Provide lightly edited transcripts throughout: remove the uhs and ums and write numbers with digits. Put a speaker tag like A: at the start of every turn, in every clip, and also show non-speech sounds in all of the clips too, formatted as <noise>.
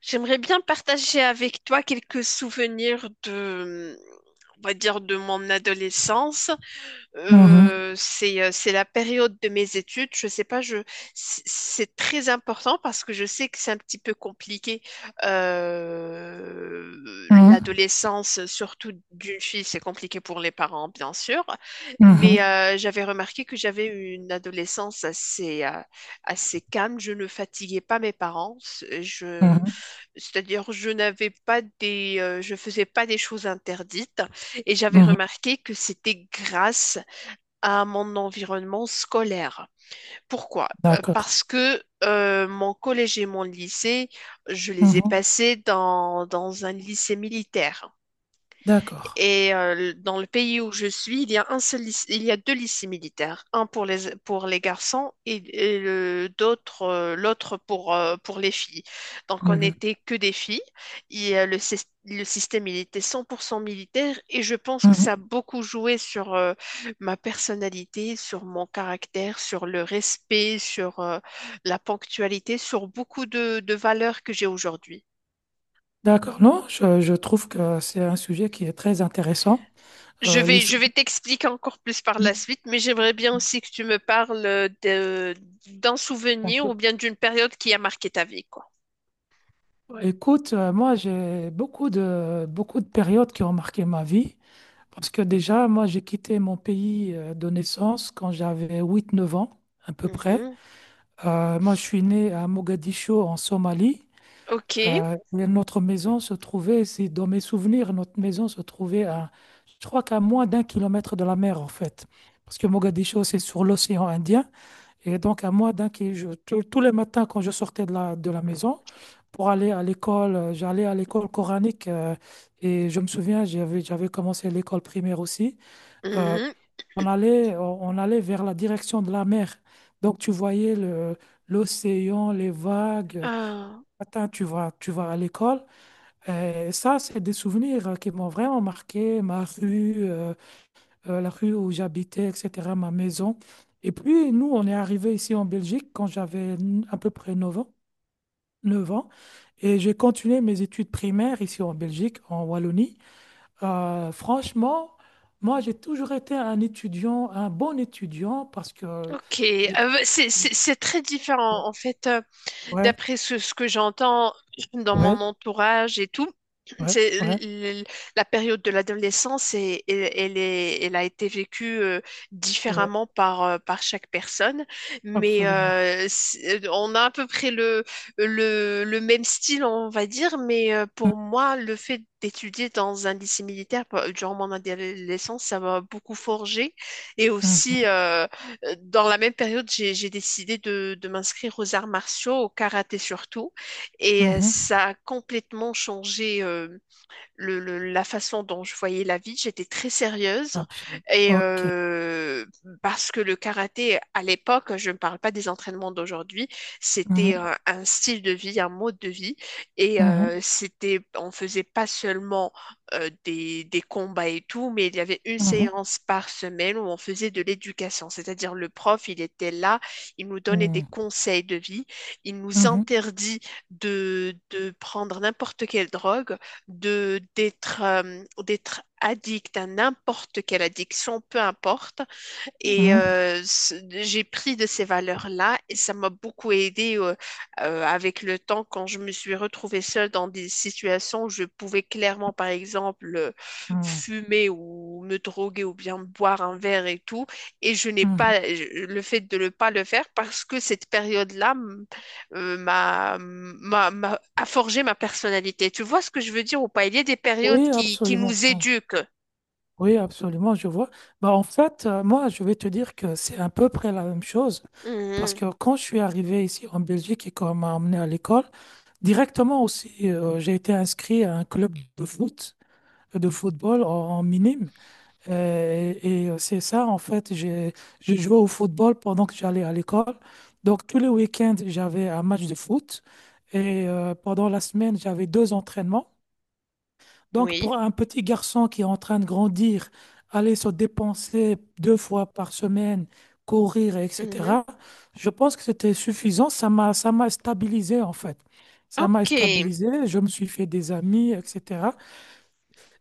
A: J'aimerais bien partager avec toi quelques souvenirs de, on va dire, de mon adolescence.
B: Mhm,
A: C'est la période de mes études. Je sais pas, je, C'est très important parce que je sais que c'est un petit peu compliqué. Euh,
B: mhm,
A: L'adolescence, surtout d'une fille, c'est compliqué pour les parents, bien sûr. Mais
B: mhm,
A: euh, j'avais remarqué que j'avais eu une adolescence assez, assez calme. Je ne fatiguais pas mes parents. Je
B: mhm,
A: C'est-à-dire, je faisais pas des choses interdites et j'avais
B: mhm.
A: remarqué que c'était grâce à mon environnement scolaire. Pourquoi? Euh,
B: D'accord.
A: Parce que euh, mon collège et mon lycée, je les ai
B: Mhm,
A: passés dans un lycée militaire.
B: d'accord.
A: Dans le pays où je suis, il y a il y a deux lycées militaires, un pour les garçons et le d'autre l'autre pour les filles. Donc on
B: Mhm,
A: n'était que des filles. Le système il était 100% militaire et je pense que
B: mhm.
A: ça a beaucoup joué sur ma personnalité, sur mon caractère, sur le respect, sur la ponctualité, sur beaucoup de valeurs que j'ai aujourd'hui.
B: D'accord. Non, je trouve que c'est un sujet qui est très intéressant. Euh, les sou-
A: Je vais t'expliquer encore plus par la
B: Mhm.
A: suite, mais j'aimerais bien aussi que tu me parles d'un
B: Un
A: souvenir ou
B: peu.
A: bien d'une période qui a marqué ta vie, quoi.
B: Écoute, moi, j'ai beaucoup de périodes qui ont marqué ma vie. Parce que déjà, moi, j'ai quitté mon pays de naissance quand j'avais 8 9 ans, à peu près.
A: Mhm.
B: Moi, je suis né à Mogadiscio, en Somalie.
A: Ok.
B: Mais notre maison se trouvait, si dans mes souvenirs, notre maison se trouvait à, je crois qu'à moins d'un kilomètre de la mer, en fait. Parce que Mogadiscio, c'est sur l'océan Indien. Et donc, à moins d'un kilomètre, tous les matins, quand je sortais de la maison pour aller à l'école, j'allais à l'école coranique. Et je me souviens, j'avais commencé l'école primaire aussi. Euh,
A: Mhm.
B: on allait vers la direction de la mer. Donc, tu voyais l'océan, les vagues.
A: Ah,
B: Matin, tu vas à l'école. Ça, c'est des souvenirs qui m'ont vraiment marqué, ma rue, la rue où j'habitais, etc., ma maison. Et puis, nous, on est arrivés ici en Belgique quand j'avais à peu près 9 ans, 9 ans. Et j'ai continué mes études primaires ici en Belgique, en Wallonie. Franchement, moi, j'ai toujours été un étudiant, un bon étudiant, parce que
A: ok.
B: j'ai...
A: Ah, bah, c'est très différent.
B: Ouais, ouais,
A: D'après ce que j'entends dans
B: ouais,
A: mon entourage et tout,
B: ouais,
A: c'est
B: ouais,
A: la période de l'adolescence et elle a été vécue
B: ouais,
A: différemment par chaque personne, mais
B: absolument.
A: on a à peu près le même style, on va dire, mais pour moi, le fait d'étudier dans un lycée militaire durant mon adolescence, ça m'a beaucoup forgé et
B: Mhm,
A: aussi dans la même période, j'ai décidé de m'inscrire aux arts martiaux, au karaté surtout, et
B: mhm,
A: ça a complètement changé la façon dont je voyais la vie. J'étais très sérieuse
B: absolument.
A: et
B: Ok.
A: parce que le karaté à l'époque, je ne parle pas des entraînements d'aujourd'hui, c'était
B: Mmh.
A: un style de vie, un mode de vie et
B: Mhm,
A: c'était, on faisait pas seulement des combats et tout, mais il y avait une
B: mhm,
A: séance par semaine où on faisait de l'éducation, c'est-à-dire le prof, il était là, il nous donnait des
B: mhm,
A: conseils de vie, il nous
B: mhm,
A: interdit de prendre n'importe quelle drogue de d'être d'être addict à n'importe quelle addiction, peu importe, et
B: mhm,
A: j'ai pris de ces valeurs-là et ça m'a beaucoup aidé avec le temps quand je me suis retrouvée seule dans des situations où je pouvais clairement, par exemple,
B: mhm,
A: fumer ou me droguer ou bien boire un verre et tout. Et je n'ai
B: mhm.
A: pas je- le fait de ne pas le faire parce que cette période-là a forgé ma personnalité. Tu vois ce que je veux dire ou pas? Il y a des périodes
B: Oui,
A: qui
B: absolument.
A: nous éduquent.
B: Oui, absolument, je vois. Bah, en fait, moi, je vais te dire que c'est à peu près la même chose. Parce
A: Mhm.
B: que quand je suis arrivé ici en Belgique et qu'on m'a emmené à l'école, directement aussi, j'ai été inscrit à un club de foot, de football en, minime. Et c'est ça, en fait, j'ai joué au football pendant que j'allais à l'école. Donc, tous les week-ends, j'avais un match de foot. Et pendant la semaine, j'avais deux entraînements. Donc,
A: Oui.
B: pour un petit garçon qui est en train de grandir, aller se dépenser deux fois par semaine, courir,
A: Mhm.
B: etc., je pense que c'était suffisant. Ça m'a stabilisé, en fait. Ça m'a
A: Ok.
B: stabilisé, je me suis fait des amis, etc.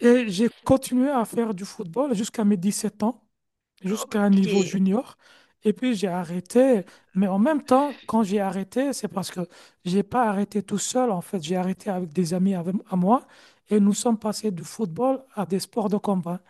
B: Et j'ai continué à faire du football jusqu'à mes 17 ans jusqu'à un
A: Ok,
B: niveau junior. Et puis j'ai arrêté, mais en même temps, quand j'ai arrêté, c'est parce que j'ai pas arrêté tout seul, en fait, j'ai arrêté avec des amis à moi et nous sommes passés du football à des sports de combat.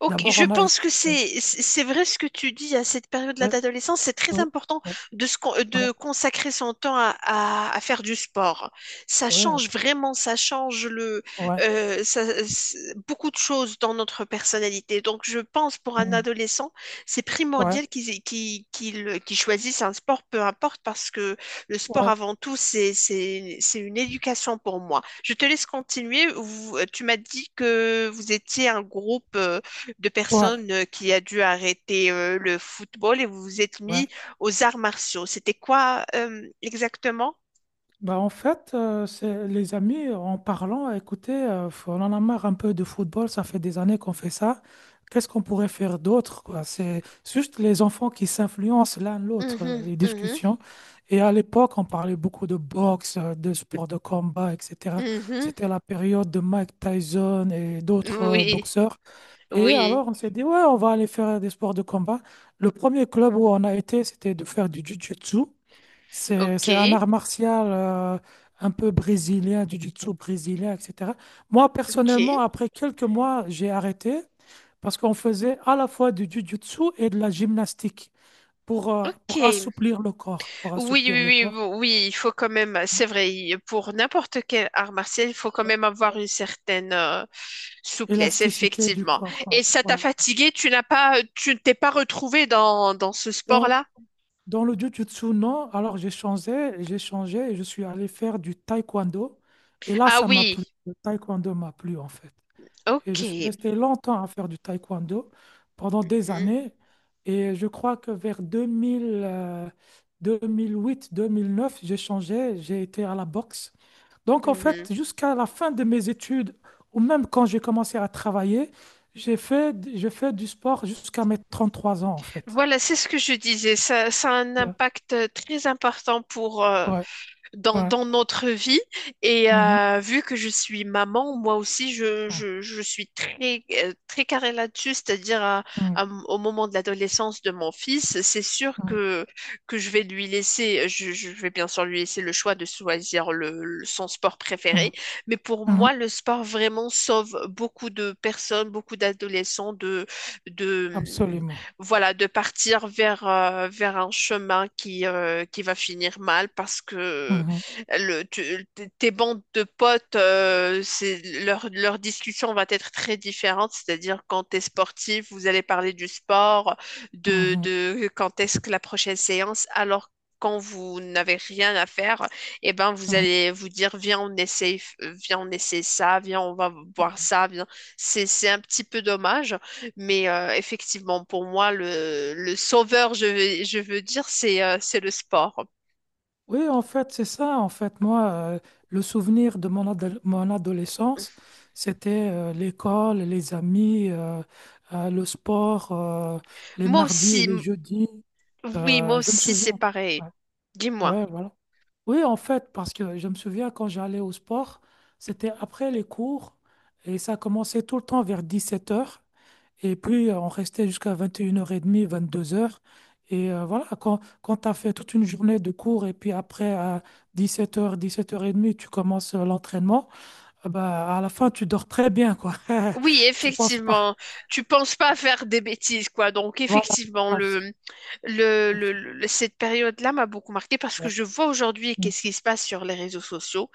A: Ok,
B: D'abord,
A: je
B: on a été...
A: pense que c'est c'est vrai ce que tu dis à cette période-là
B: Ouais,
A: d'adolescence. C'est très
B: ouais,
A: important
B: ouais,
A: de
B: ouais,
A: de consacrer son temps à faire du sport. Ça
B: ouais, ouais,
A: change vraiment, ça change
B: ouais,
A: beaucoup de choses dans notre personnalité. Donc je pense pour un
B: mm,
A: adolescent, c'est
B: ouais,
A: primordial qu'il choisisse un sport, peu importe, parce que le sport
B: ouais,
A: avant tout c'est c'est une éducation pour moi. Je te laisse continuer. Tu m'as dit que vous étiez un groupe. De
B: ouais,
A: personnes qui a dû arrêter le football et vous êtes
B: ouais.
A: mis aux arts martiaux. C'était quoi exactement?
B: Bah en fait, c'est les amis, en parlant, écoutez, on en a marre un peu de football, ça fait des années qu'on fait ça. Qu'est-ce qu'on pourrait faire d'autre, quoi? C'est juste les enfants qui s'influencent l'un l'autre,
A: Mhm,
B: les
A: mhm,
B: discussions. Et à l'époque, on parlait beaucoup de boxe, de sport de combat, etc.
A: mhm.
B: C'était la période de Mike Tyson et d'autres
A: Oui,
B: boxeurs. Et
A: oui.
B: alors, on s'est dit, ouais, on va aller faire des sports de combat. Le premier club où on a été, c'était de faire du jiu-jitsu. C'est,
A: Ok,
B: c'est un art martial un peu brésilien, du jiu-jitsu brésilien, etc. Moi,
A: Ok,
B: personnellement, après quelques mois, j'ai arrêté parce qu'on faisait à la fois du jiu-jitsu et de la gymnastique pour, euh,
A: ok.
B: pour assouplir le corps, pour
A: Oui,
B: assouplir
A: oui,
B: le
A: oui,
B: corps.
A: bon, oui, il faut quand même, c'est vrai, pour n'importe quel art martial, il faut quand
B: Ouais,
A: même avoir une certaine souplesse,
B: élasticité du
A: effectivement.
B: corps,
A: Et
B: quoi.
A: ça t'a
B: Ouais.
A: fatigué, tu ne t'es pas retrouvé dans ce
B: Dans,
A: sport-là?
B: dans le jiu-jitsu, non. Alors, j'ai changé et je suis allé faire du taekwondo. Et là,
A: Ah
B: ça m'a
A: oui,
B: plu. Le taekwondo m'a plu, en fait. Et
A: ok.
B: je suis resté longtemps à faire du taekwondo pendant des
A: Mhm.
B: années. Et je crois que vers 2000, 2008, 2009, j'ai changé, j'ai été à la boxe. Donc, en fait,
A: Mhm.
B: jusqu'à la fin de mes études, ou même quand j'ai commencé à travailler, j'ai fait du sport jusqu'à mes 33 ans, en fait.
A: Voilà, c'est ce que je disais. Ça a un
B: Ouais,
A: impact très important pour,
B: ouais, ouais.
A: dans notre vie. Et
B: Mhm.
A: vu que je suis maman, moi aussi, je suis très, très carrée là-dessus, c'est-à-dire
B: Mhm.
A: à au moment de l'adolescence de mon fils, c'est sûr que je vais lui laisser, je vais bien sûr lui laisser le choix de choisir son sport préféré.
B: Mhm.
A: Mais pour
B: Mhm.
A: moi, le sport vraiment sauve beaucoup de personnes, beaucoup d'adolescents de,
B: Absolument.
A: voilà, de partir vers, vers un chemin qui qui va finir mal parce que
B: Mhm.
A: le, tu- tes bandes de potes, leur discussion va être très différente, c'est-à-dire quand tu es sportif, vous allez parler du sport,
B: Mhm.
A: de quand est-ce que la prochaine séance, alors quand vous n'avez rien à faire, eh ben vous
B: Mhm.
A: allez vous dire, viens, on essaye, viens, on essaie ça, viens, on va boire ça, viens. C'est un petit peu dommage, mais effectivement, pour moi, le sauveur, je veux dire, c'est le sport.
B: Oui, en fait, c'est ça. En fait, moi, le souvenir de mon adolescence, c'était l'école, les amis, le sport, les
A: Moi
B: mardis et
A: aussi,
B: les jeudis.
A: oui, moi
B: Je me
A: aussi,
B: souviens.
A: c'est pareil.
B: Ouais,
A: Dis-moi.
B: ouais, voilà. Oui, en fait, parce que je me souviens quand j'allais au sport, c'était après les cours et ça commençait tout le temps vers 17 heures. Et puis, on restait jusqu'à 21 h 22 heures. Et voilà, quand tu as fait toute une journée de cours et puis après, à 17h, 17h30, tu commences l'entraînement, bah, à la fin, tu dors très bien, quoi. <laughs>
A: Oui,
B: Tu penses pas.
A: effectivement, tu penses pas faire des bêtises, quoi. Donc,
B: Voilà.
A: effectivement,
B: Abs- abs-
A: cette période-là m'a beaucoup marquée parce que
B: ouais.
A: je vois aujourd'hui
B: Mm.
A: qu'est-ce qui se passe sur les réseaux sociaux.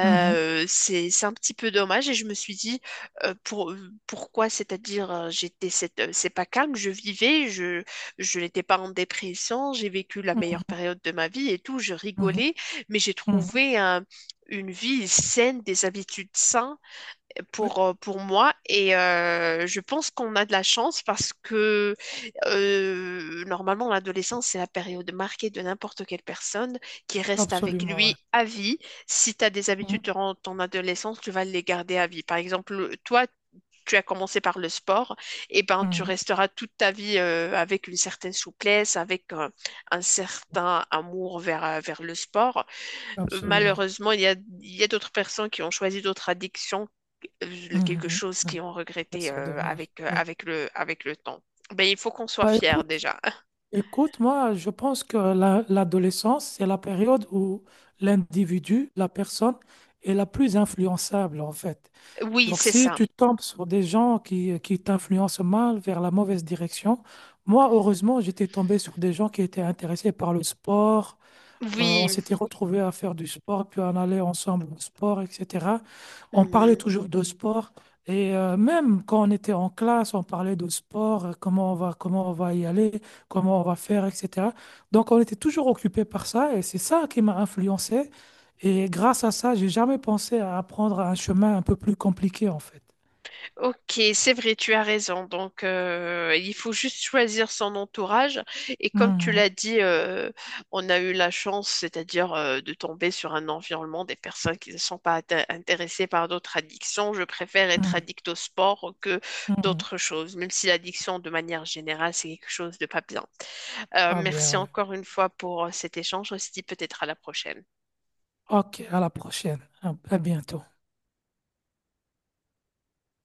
B: Mhm.
A: c'est, C'est un petit peu dommage et je me suis dit euh, pour, pourquoi, c'est-à-dire c'est pas calme, je n'étais pas en dépression, j'ai vécu la
B: Mhm.
A: meilleure période de ma vie et tout, je
B: Mhm.
A: rigolais, mais
B: Mhm.
A: une vie saine, des habitudes saines
B: Oui,
A: pour moi et je pense qu'on a de la chance parce que normalement l'adolescence c'est la période marquée de n'importe quelle personne qui reste avec
B: absolument, ouais.
A: lui à vie. Si tu as des
B: Mhm.
A: habitudes durant ton adolescence, tu vas les garder à vie. Par exemple, toi, tu as commencé par le sport, et ben tu
B: Mhm.
A: resteras toute ta vie avec une certaine souplesse, avec un certain amour vers, vers le sport.
B: Absolument.
A: Malheureusement, il y a d'autres personnes qui ont choisi d'autres addictions, quelque
B: Mhm.
A: chose
B: Mhm.
A: qu'ils ont
B: Ouais,
A: regretté
B: c'est dommage. Ouais.
A: avec le temps. Ben, il faut qu'on soit
B: Bah
A: fier
B: écoute,
A: déjà. <laughs>
B: Écoute, moi, je pense que l'adolescence, c'est la période où l'individu, la personne, est la plus influençable, en fait.
A: Oui,
B: Donc,
A: c'est
B: si
A: ça.
B: tu tombes sur des gens qui t'influencent mal vers la mauvaise direction, moi, heureusement, j'étais tombé sur des gens qui étaient intéressés par le sport, on
A: Oui.
B: s'était retrouvés à faire du sport, puis on allait ensemble au sport, etc. On parlait
A: Mhm.
B: toujours de sport. Et même quand on était en classe, on parlait de sport, comment on va y aller, comment on va faire, etc. Donc on était toujours occupés par ça et c'est ça qui m'a influencé. Et grâce à ça, j'ai jamais pensé à apprendre un chemin un peu plus compliqué en fait.
A: Ok, c'est vrai, tu as raison. Donc, il faut juste choisir son entourage. Et comme tu
B: Mhm,
A: l'as dit, on a eu la chance, c'est-à-dire de tomber sur un environnement des personnes qui ne sont pas intéressées par d'autres addictions. Je préfère
B: mhm,
A: être addict au sport que
B: mhm.
A: d'autres choses, même si l'addiction, de manière générale, c'est quelque chose de pas bien.
B: Ah bien,
A: Merci
B: ouais.
A: encore une fois pour cet échange. On se dit peut-être à la prochaine.
B: Ok, à la prochaine. À bientôt.